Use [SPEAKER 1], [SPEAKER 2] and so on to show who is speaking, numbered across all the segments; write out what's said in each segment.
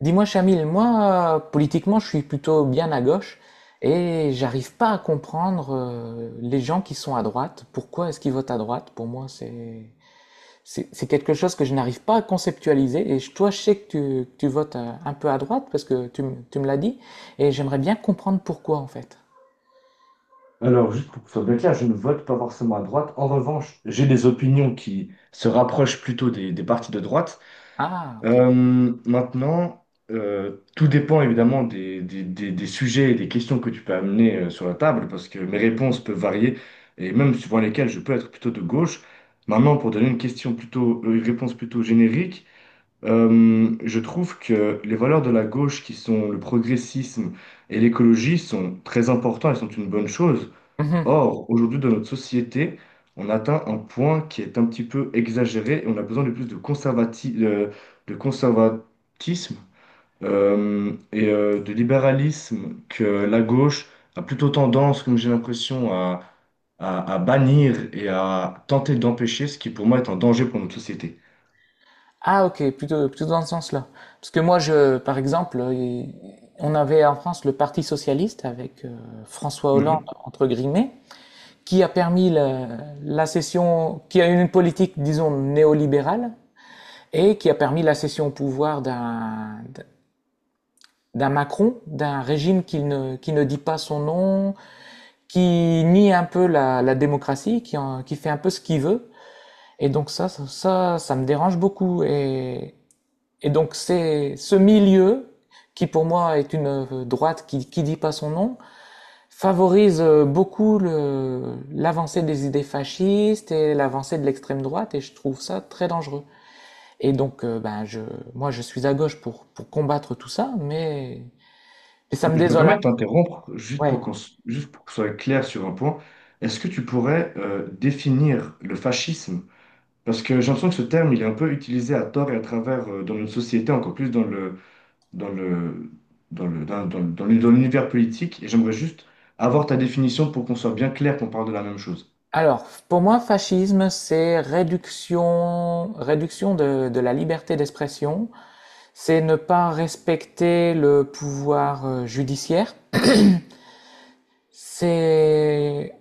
[SPEAKER 1] Dis-moi, Chamil, moi, politiquement, je suis plutôt bien à gauche et j'arrive pas à comprendre les gens qui sont à droite. Pourquoi est-ce qu'ils votent à droite? Pour moi, c'est quelque chose que je n'arrive pas à conceptualiser. Toi, je sais que tu votes un peu à droite parce que tu me l'as dit et j'aimerais bien comprendre pourquoi en fait.
[SPEAKER 2] Alors, juste pour que ce soit bien clair, je ne vote pas forcément à droite. En revanche, j'ai des opinions qui se rapprochent plutôt des partis de droite.
[SPEAKER 1] Ah, ok.
[SPEAKER 2] Euh, maintenant, Tout dépend évidemment des sujets et des questions que tu peux amener sur la table, parce que mes réponses peuvent varier, et même suivant lesquelles je peux être plutôt de gauche. Maintenant, pour donner une une réponse plutôt générique, je trouve que les valeurs de la gauche, qui sont le progressisme et l'écologie, sont très importantes et sont une bonne chose.
[SPEAKER 1] Mhm.
[SPEAKER 2] Or, aujourd'hui, dans notre société, on atteint un point qui est un petit peu exagéré et on a besoin de plus de de conservatisme de libéralisme que la gauche a plutôt tendance, comme j'ai l'impression, à bannir et à tenter d'empêcher, ce qui pour moi est un danger pour notre société.
[SPEAKER 1] Ah, ok, plutôt dans ce sens-là. Parce que moi, je, par exemple, on avait en France le Parti socialiste avec François Hollande
[SPEAKER 2] Mhm.
[SPEAKER 1] entre guillemets, qui a permis la cession, qui a une politique, disons, néolibérale, et qui a permis la cession au pouvoir d'un Macron, d'un régime qui ne dit pas son nom, qui nie un peu la démocratie, qui fait un peu ce qu'il veut. Et donc ça me dérange beaucoup. Et donc c'est ce milieu qui pour moi est une droite qui dit pas son nom, favorise beaucoup l'avancée des idées fascistes et l'avancée de l'extrême droite, et je trouve ça très dangereux. Et donc, moi, je suis à gauche pour combattre tout ça, mais ça me
[SPEAKER 2] Je me
[SPEAKER 1] désole un
[SPEAKER 2] permets de
[SPEAKER 1] peu.
[SPEAKER 2] t'interrompre
[SPEAKER 1] Ouais.
[SPEAKER 2] juste pour que ce soit clair sur un point. Est-ce que tu pourrais définir le fascisme? Parce que j'ai l'impression que ce terme, il est un peu utilisé à tort et à travers dans notre société, encore plus dans le, dans le, dans le, dans, dans- dans le- dans l'univers politique. Et j'aimerais juste avoir ta définition pour qu'on soit bien clair qu'on parle de la même chose.
[SPEAKER 1] Alors, pour moi, fascisme, c'est réduction de la liberté d'expression, c'est ne pas respecter le pouvoir judiciaire, c'est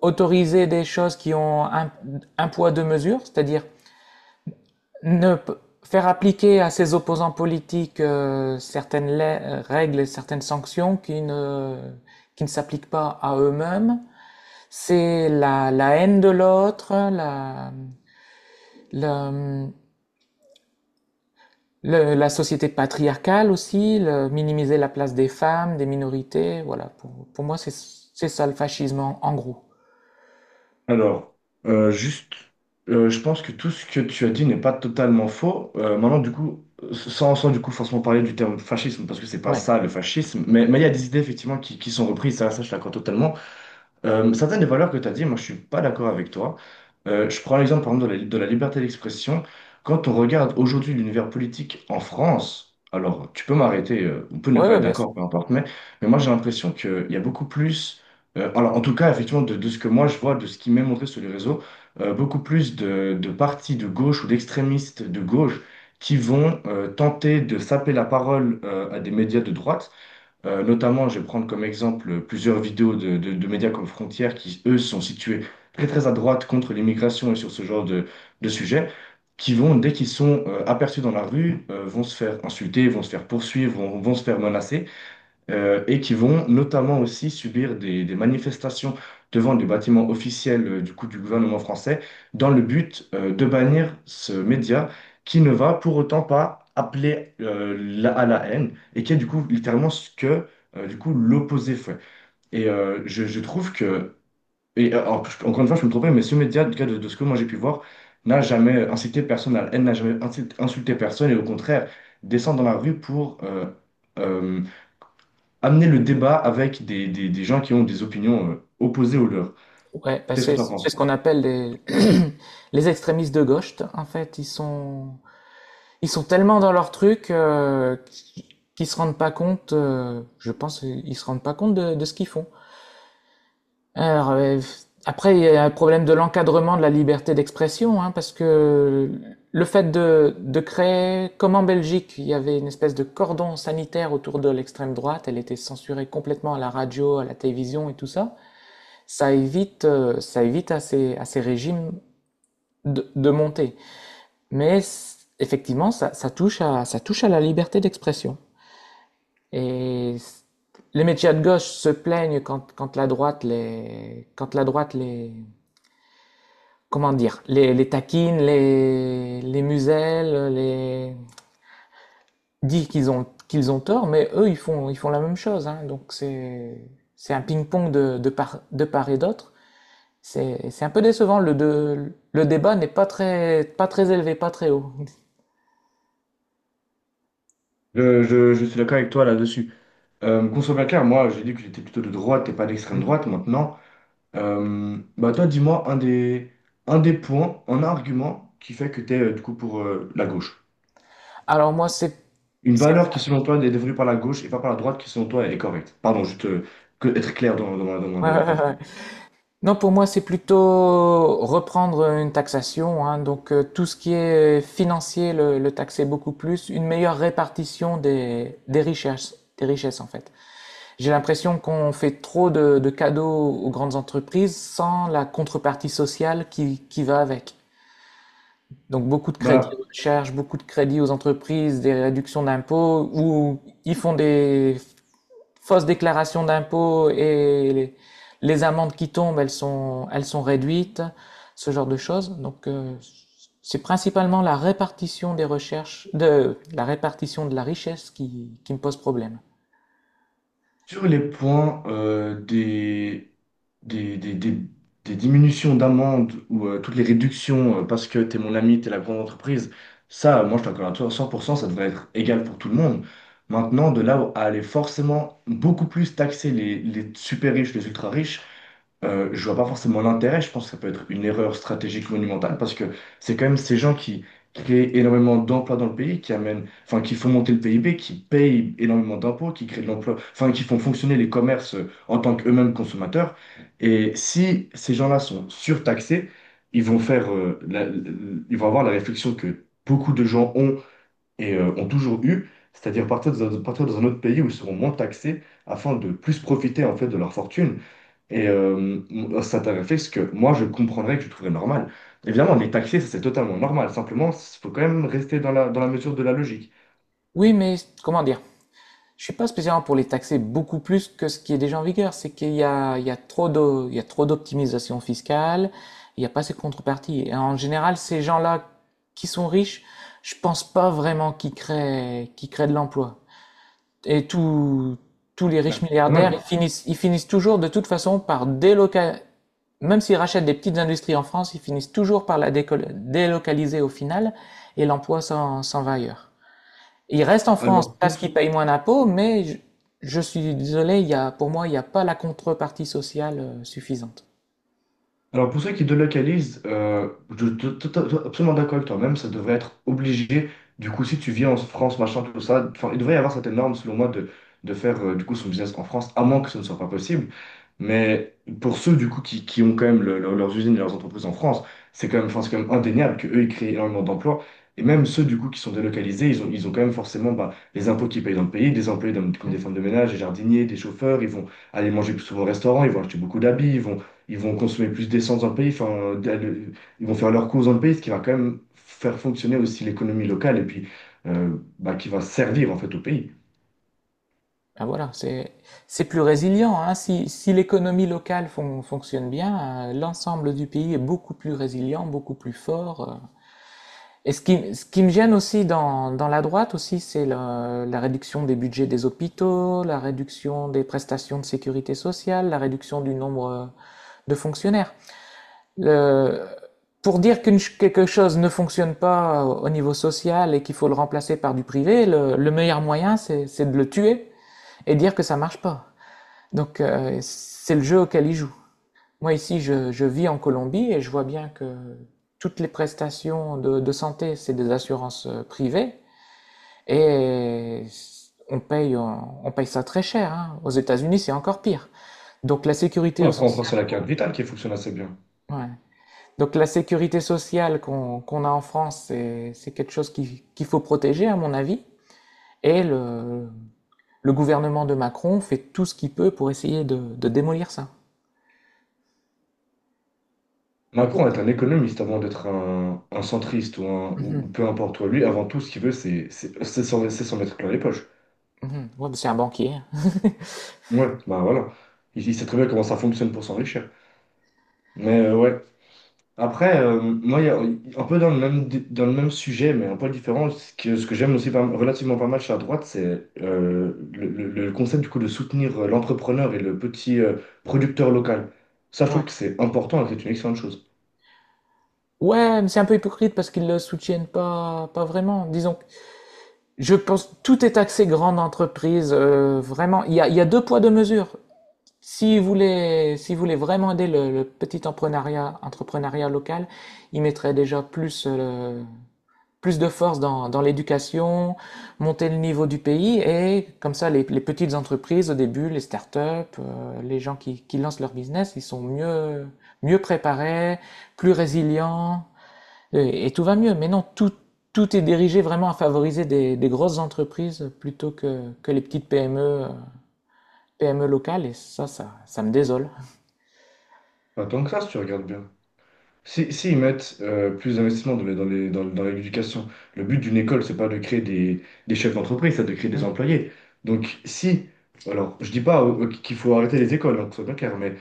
[SPEAKER 1] autoriser des choses qui ont un poids, deux mesures, c'est-à-dire Ne p- faire appliquer à ses opposants politiques règles et certaines sanctions qui ne s'appliquent pas à eux-mêmes, c'est la haine de l'autre, la, la société patriarcale aussi, minimiser la place des femmes, des minorités, voilà. Pour moi, c'est ça le fascisme en gros.
[SPEAKER 2] Alors, euh, juste, je pense que tout ce que tu as dit n'est pas totalement faux. Maintenant, du coup, sans du coup forcément parler du terme fascisme, parce que c'est pas
[SPEAKER 1] Ouais,
[SPEAKER 2] ça le fascisme, mais il y a des idées effectivement qui sont reprises, ça je l'accorde totalement. Certaines des valeurs que tu as dit, moi je suis pas d'accord avec toi. Je prends l'exemple par exemple de la liberté d'expression. Quand on regarde aujourd'hui l'univers politique en France, alors tu peux m'arrêter, on peut ne
[SPEAKER 1] ouais,
[SPEAKER 2] pas
[SPEAKER 1] ouais,
[SPEAKER 2] être
[SPEAKER 1] bien sûr.
[SPEAKER 2] d'accord, peu importe, mais moi j'ai l'impression qu'il y a beaucoup plus, alors en tout cas effectivement de ce que moi je vois, de ce qui m'est montré sur les réseaux, beaucoup plus de partis de gauche ou d'extrémistes de gauche qui vont tenter de saper la parole à des médias de droite. Notamment, je vais prendre comme exemple plusieurs vidéos de médias comme Frontières qui, eux, sont situés très très à droite contre l'immigration et sur ce genre de sujet, qui vont, dès qu'ils sont aperçus dans la rue, vont se faire insulter, vont se faire poursuivre, vont se faire menacer et qui vont notamment aussi subir des manifestations devant des bâtiments officiels du gouvernement français dans le but de bannir ce média qui ne va pour autant pas appeler à la haine et qui est du coup littéralement ce que l'opposé fait. Et je trouve que, encore une fois, je peux me tromper, mais ce média, en tout cas de ce que moi j'ai pu voir, n'a jamais incité personne à la haine, n'a jamais insulté personne et au contraire descend dans la rue pour euh, amener le débat avec des gens qui ont des opinions opposées aux leurs.
[SPEAKER 1] Ouais, bah,
[SPEAKER 2] Qu'est-ce que
[SPEAKER 1] c'est
[SPEAKER 2] tu en
[SPEAKER 1] c'est
[SPEAKER 2] penses?
[SPEAKER 1] ce qu'on appelle des les extrémistes de gauche. En fait, ils sont ils sont tellement dans leur truc qu'ils se rendent pas compte, je pense, ils se rendent pas compte de ce qu'ils font. Alors, après, il y a un problème de l'encadrement de la liberté d'expression, hein, parce que le fait de créer, comme en Belgique, il y avait une espèce de cordon sanitaire autour de l'extrême droite, elle était censurée complètement à la radio, à la télévision et tout ça, ça évite à à ces régimes de monter. Mais effectivement, ça touche ça touche à la liberté d'expression. Et les médias de gauche se plaignent quand la droite quand la droite les, comment dire, les taquine, les muselle, les, dit qu'ils ont tort, mais eux, ils font la même chose, hein. Donc c'est un ping-pong de part et d'autre. C'est un peu décevant. Le débat n'est pas très élevé, pas très haut.
[SPEAKER 2] Je suis d'accord avec toi là-dessus. Qu'on soit bien clair, moi j'ai dit que j'étais plutôt de droite et pas d'extrême droite maintenant. Bah toi dis-moi un des points, un argument qui fait que tu es du coup pour la gauche.
[SPEAKER 1] Alors moi,
[SPEAKER 2] Une
[SPEAKER 1] c'est,
[SPEAKER 2] valeur qui selon toi est dévolue par la gauche et pas par la droite qui selon toi est correcte. Pardon, juste que, être clair
[SPEAKER 1] ouais,
[SPEAKER 2] dans
[SPEAKER 1] ouais,
[SPEAKER 2] ma
[SPEAKER 1] ouais,
[SPEAKER 2] phrase.
[SPEAKER 1] ouais. Non, pour moi, c'est plutôt reprendre une taxation, hein. Donc tout ce qui est financier, le taxer beaucoup plus, une meilleure répartition des richesses en fait. J'ai l'impression qu'on fait trop de cadeaux aux grandes entreprises sans la contrepartie sociale qui va avec. Donc beaucoup de crédits aux
[SPEAKER 2] Bah,
[SPEAKER 1] recherche, beaucoup de crédits aux entreprises, des réductions d'impôts, où ils font des fausse déclaration d'impôt et les amendes qui tombent, elles sont réduites, ce genre de choses. Donc, c'est principalement la répartition des recherches, de la répartition de la richesse qui me pose problème.
[SPEAKER 2] sur les points des, des- des- des diminutions d'amende ou toutes les réductions parce que t'es mon ami, t'es la grande entreprise, ça, moi je t'accorde à toi, 100%, ça devrait être égal pour tout le monde. Maintenant, de là à aller forcément beaucoup plus taxer les super riches, les ultra riches, je vois pas forcément l'intérêt. Je pense que ça peut être une erreur stratégique monumentale parce que c'est quand même ces gens qui créent énormément d'emplois dans le pays, qui amènent, enfin, qui font monter le PIB, qui payent énormément d'impôts, qui créent de l'emploi, enfin, qui font fonctionner les commerces en tant qu'eux-mêmes consommateurs. Et si ces gens-là sont surtaxés, ils vont ils vont avoir la réflexion que beaucoup de gens ont et ont toujours eu, c'est-à-dire partir dans un autre pays où ils seront moins taxés afin de plus profiter en fait de leur fortune. Et ça t'avait fait ce que moi je comprendrais que je trouverais normal. Évidemment, les taxer, ça c'est totalement normal. Simplement, il faut quand même rester dans la mesure de la logique.
[SPEAKER 1] Oui, mais comment dire? Je suis pas spécialement pour les taxer beaucoup plus que ce qui est déjà en vigueur. C'est qu'il y a trop de, il y a trop d'optimisation fiscale. Il n'y a pas ces contreparties. Et en général, ces gens-là qui sont riches, je pense pas vraiment qu'ils créent de l'emploi. Et tous les riches
[SPEAKER 2] Bah, quand
[SPEAKER 1] milliardaires,
[SPEAKER 2] même.
[SPEAKER 1] ils finissent toujours de toute façon par délocaliser. Même s'ils rachètent des petites industries en France, ils finissent toujours par la délocaliser au final et l'emploi s'en va ailleurs. Ils restent en France
[SPEAKER 2] Alors pour,
[SPEAKER 1] parce qu'ils payent moins d'impôts, mais je suis désolé, il y a, pour moi, il n'y a pas la contrepartie sociale suffisante.
[SPEAKER 2] alors pour ceux qui délocalisent, je suis absolument d'accord avec toi-même, ça devrait être obligé. Du coup, si tu vis en France, machin, tout ça, enfin, il devrait y avoir cette norme, selon moi, de faire son business en France, à moins que ce ne soit pas possible. Mais pour ceux du coup qui ont quand même leurs usines et leurs entreprises en France, c'est quand même, enfin, c'est quand même indéniable qu'eux, ils créent énormément d'emplois. Et même ceux du coup qui sont délocalisés, ils ont quand même forcément bah, les impôts qu'ils payent dans le pays, des employés comme
[SPEAKER 1] Hmm.
[SPEAKER 2] des femmes de ménage, des jardiniers, des chauffeurs, ils vont aller manger plus souvent au restaurant, ils vont acheter beaucoup d'habits, ils vont consommer plus d'essence dans le pays, ils vont faire leurs courses dans le pays, ce qui va quand même faire fonctionner aussi l'économie locale et puis bah, qui va servir en fait au pays.
[SPEAKER 1] Ben voilà, c'est plus résilient, hein. Si, si l'économie locale fonctionne bien, l'ensemble du pays est beaucoup plus résilient, beaucoup plus fort. Et ce qui me gêne aussi dans la droite aussi, c'est la réduction des budgets des hôpitaux, la réduction des prestations de sécurité sociale, la réduction du nombre de fonctionnaires. Le- pour dire qu'une quelque chose ne fonctionne pas au niveau social et qu'il faut le remplacer par du privé, le meilleur moyen, c'est de le tuer et dire que ça marche pas. Donc c'est le jeu auquel ils jouent. Moi ici, je vis en Colombie et je vois bien que toutes les prestations de santé, c'est des assurances privées. Et on paye ça très cher, hein. Aux États-Unis, c'est encore pire. Donc la sécurité
[SPEAKER 2] Après, on
[SPEAKER 1] sociale,
[SPEAKER 2] pense à la carte vitale qui fonctionne assez bien.
[SPEAKER 1] ouais. Donc la sécurité sociale qu'on a en France, c'est quelque chose qu'il faut protéger, à mon avis. Et le gouvernement de Macron fait tout ce qu'il peut pour essayer de démolir ça.
[SPEAKER 2] Macron est un économiste avant d'être un centriste ou
[SPEAKER 1] Mhm.
[SPEAKER 2] peu importe. Toi. Lui, avant tout, ce qu'il veut, c'est c'est s'en mettre plein les poches.
[SPEAKER 1] Mhm. Ouais, mais c'est un banquier.
[SPEAKER 2] Ouais, bah voilà. Il sait très bien comment ça fonctionne pour s'enrichir. Mais ouais. Après, il y a un peu dans le même sujet, mais un peu différent, ce que j'aime aussi relativement pas mal chez la droite, c'est le concept du coup de soutenir l'entrepreneur et le petit producteur local. Ça, je
[SPEAKER 1] Ouais.
[SPEAKER 2] trouve que c'est important et que c'est une excellente chose.
[SPEAKER 1] Ouais, mais c'est un peu hypocrite parce qu'ils le soutiennent pas, pas vraiment. Disons, je pense tout est axé grande entreprise, vraiment, il y a 2 poids 2 mesures. Si vous voulez vraiment aider le petit empreneuriat entrepreneuriat local, il mettrait déjà plus, plus de force dans l'éducation, monter le niveau du pays et comme ça les petites entreprises au début, les startups, up les gens qui lancent leur business, ils sont mieux préparés, plus résilients. Et tout va mieux. Mais non, tout, tout est dirigé vraiment à favoriser des grosses entreprises plutôt que les petites PME, PME locales. Et ça me désole.
[SPEAKER 2] Pas tant que ça, si tu regardes bien. Si ils mettent plus d'investissement dans l'éducation, le but d'une école, c'est pas de créer des chefs d'entreprise, c'est de créer des
[SPEAKER 1] Hmm.
[SPEAKER 2] employés. Donc si, Alors je dis pas qu'il faut arrêter les écoles, hein, que ce soit bien clair,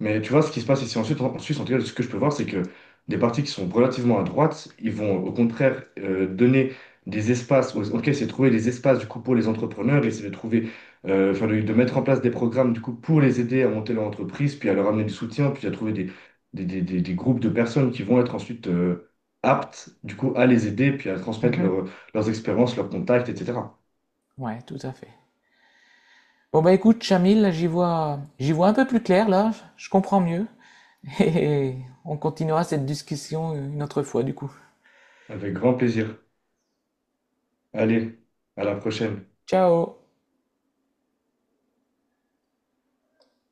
[SPEAKER 2] mais tu vois, ce qui se passe ici en Suisse, en tout cas, ce que je peux voir, c'est que des partis qui sont relativement à droite, ils vont au contraire donner ok, c'est de trouver des espaces du coup pour les entrepreneurs, et c'est enfin, de mettre en place des programmes du coup pour les aider à monter leur entreprise, puis à leur amener du soutien, puis à trouver des groupes de personnes qui vont être ensuite aptes du coup à les aider, puis à transmettre
[SPEAKER 1] Mhm.
[SPEAKER 2] leurs expériences, leurs contacts, etc.
[SPEAKER 1] Ouais, tout à fait. Bon, bah écoute, Chamil, là, j'y vois un peu plus clair, là. Je comprends mieux. Et on continuera cette discussion une autre fois, du coup.
[SPEAKER 2] Avec grand plaisir. Allez, à la prochaine.
[SPEAKER 1] Ciao!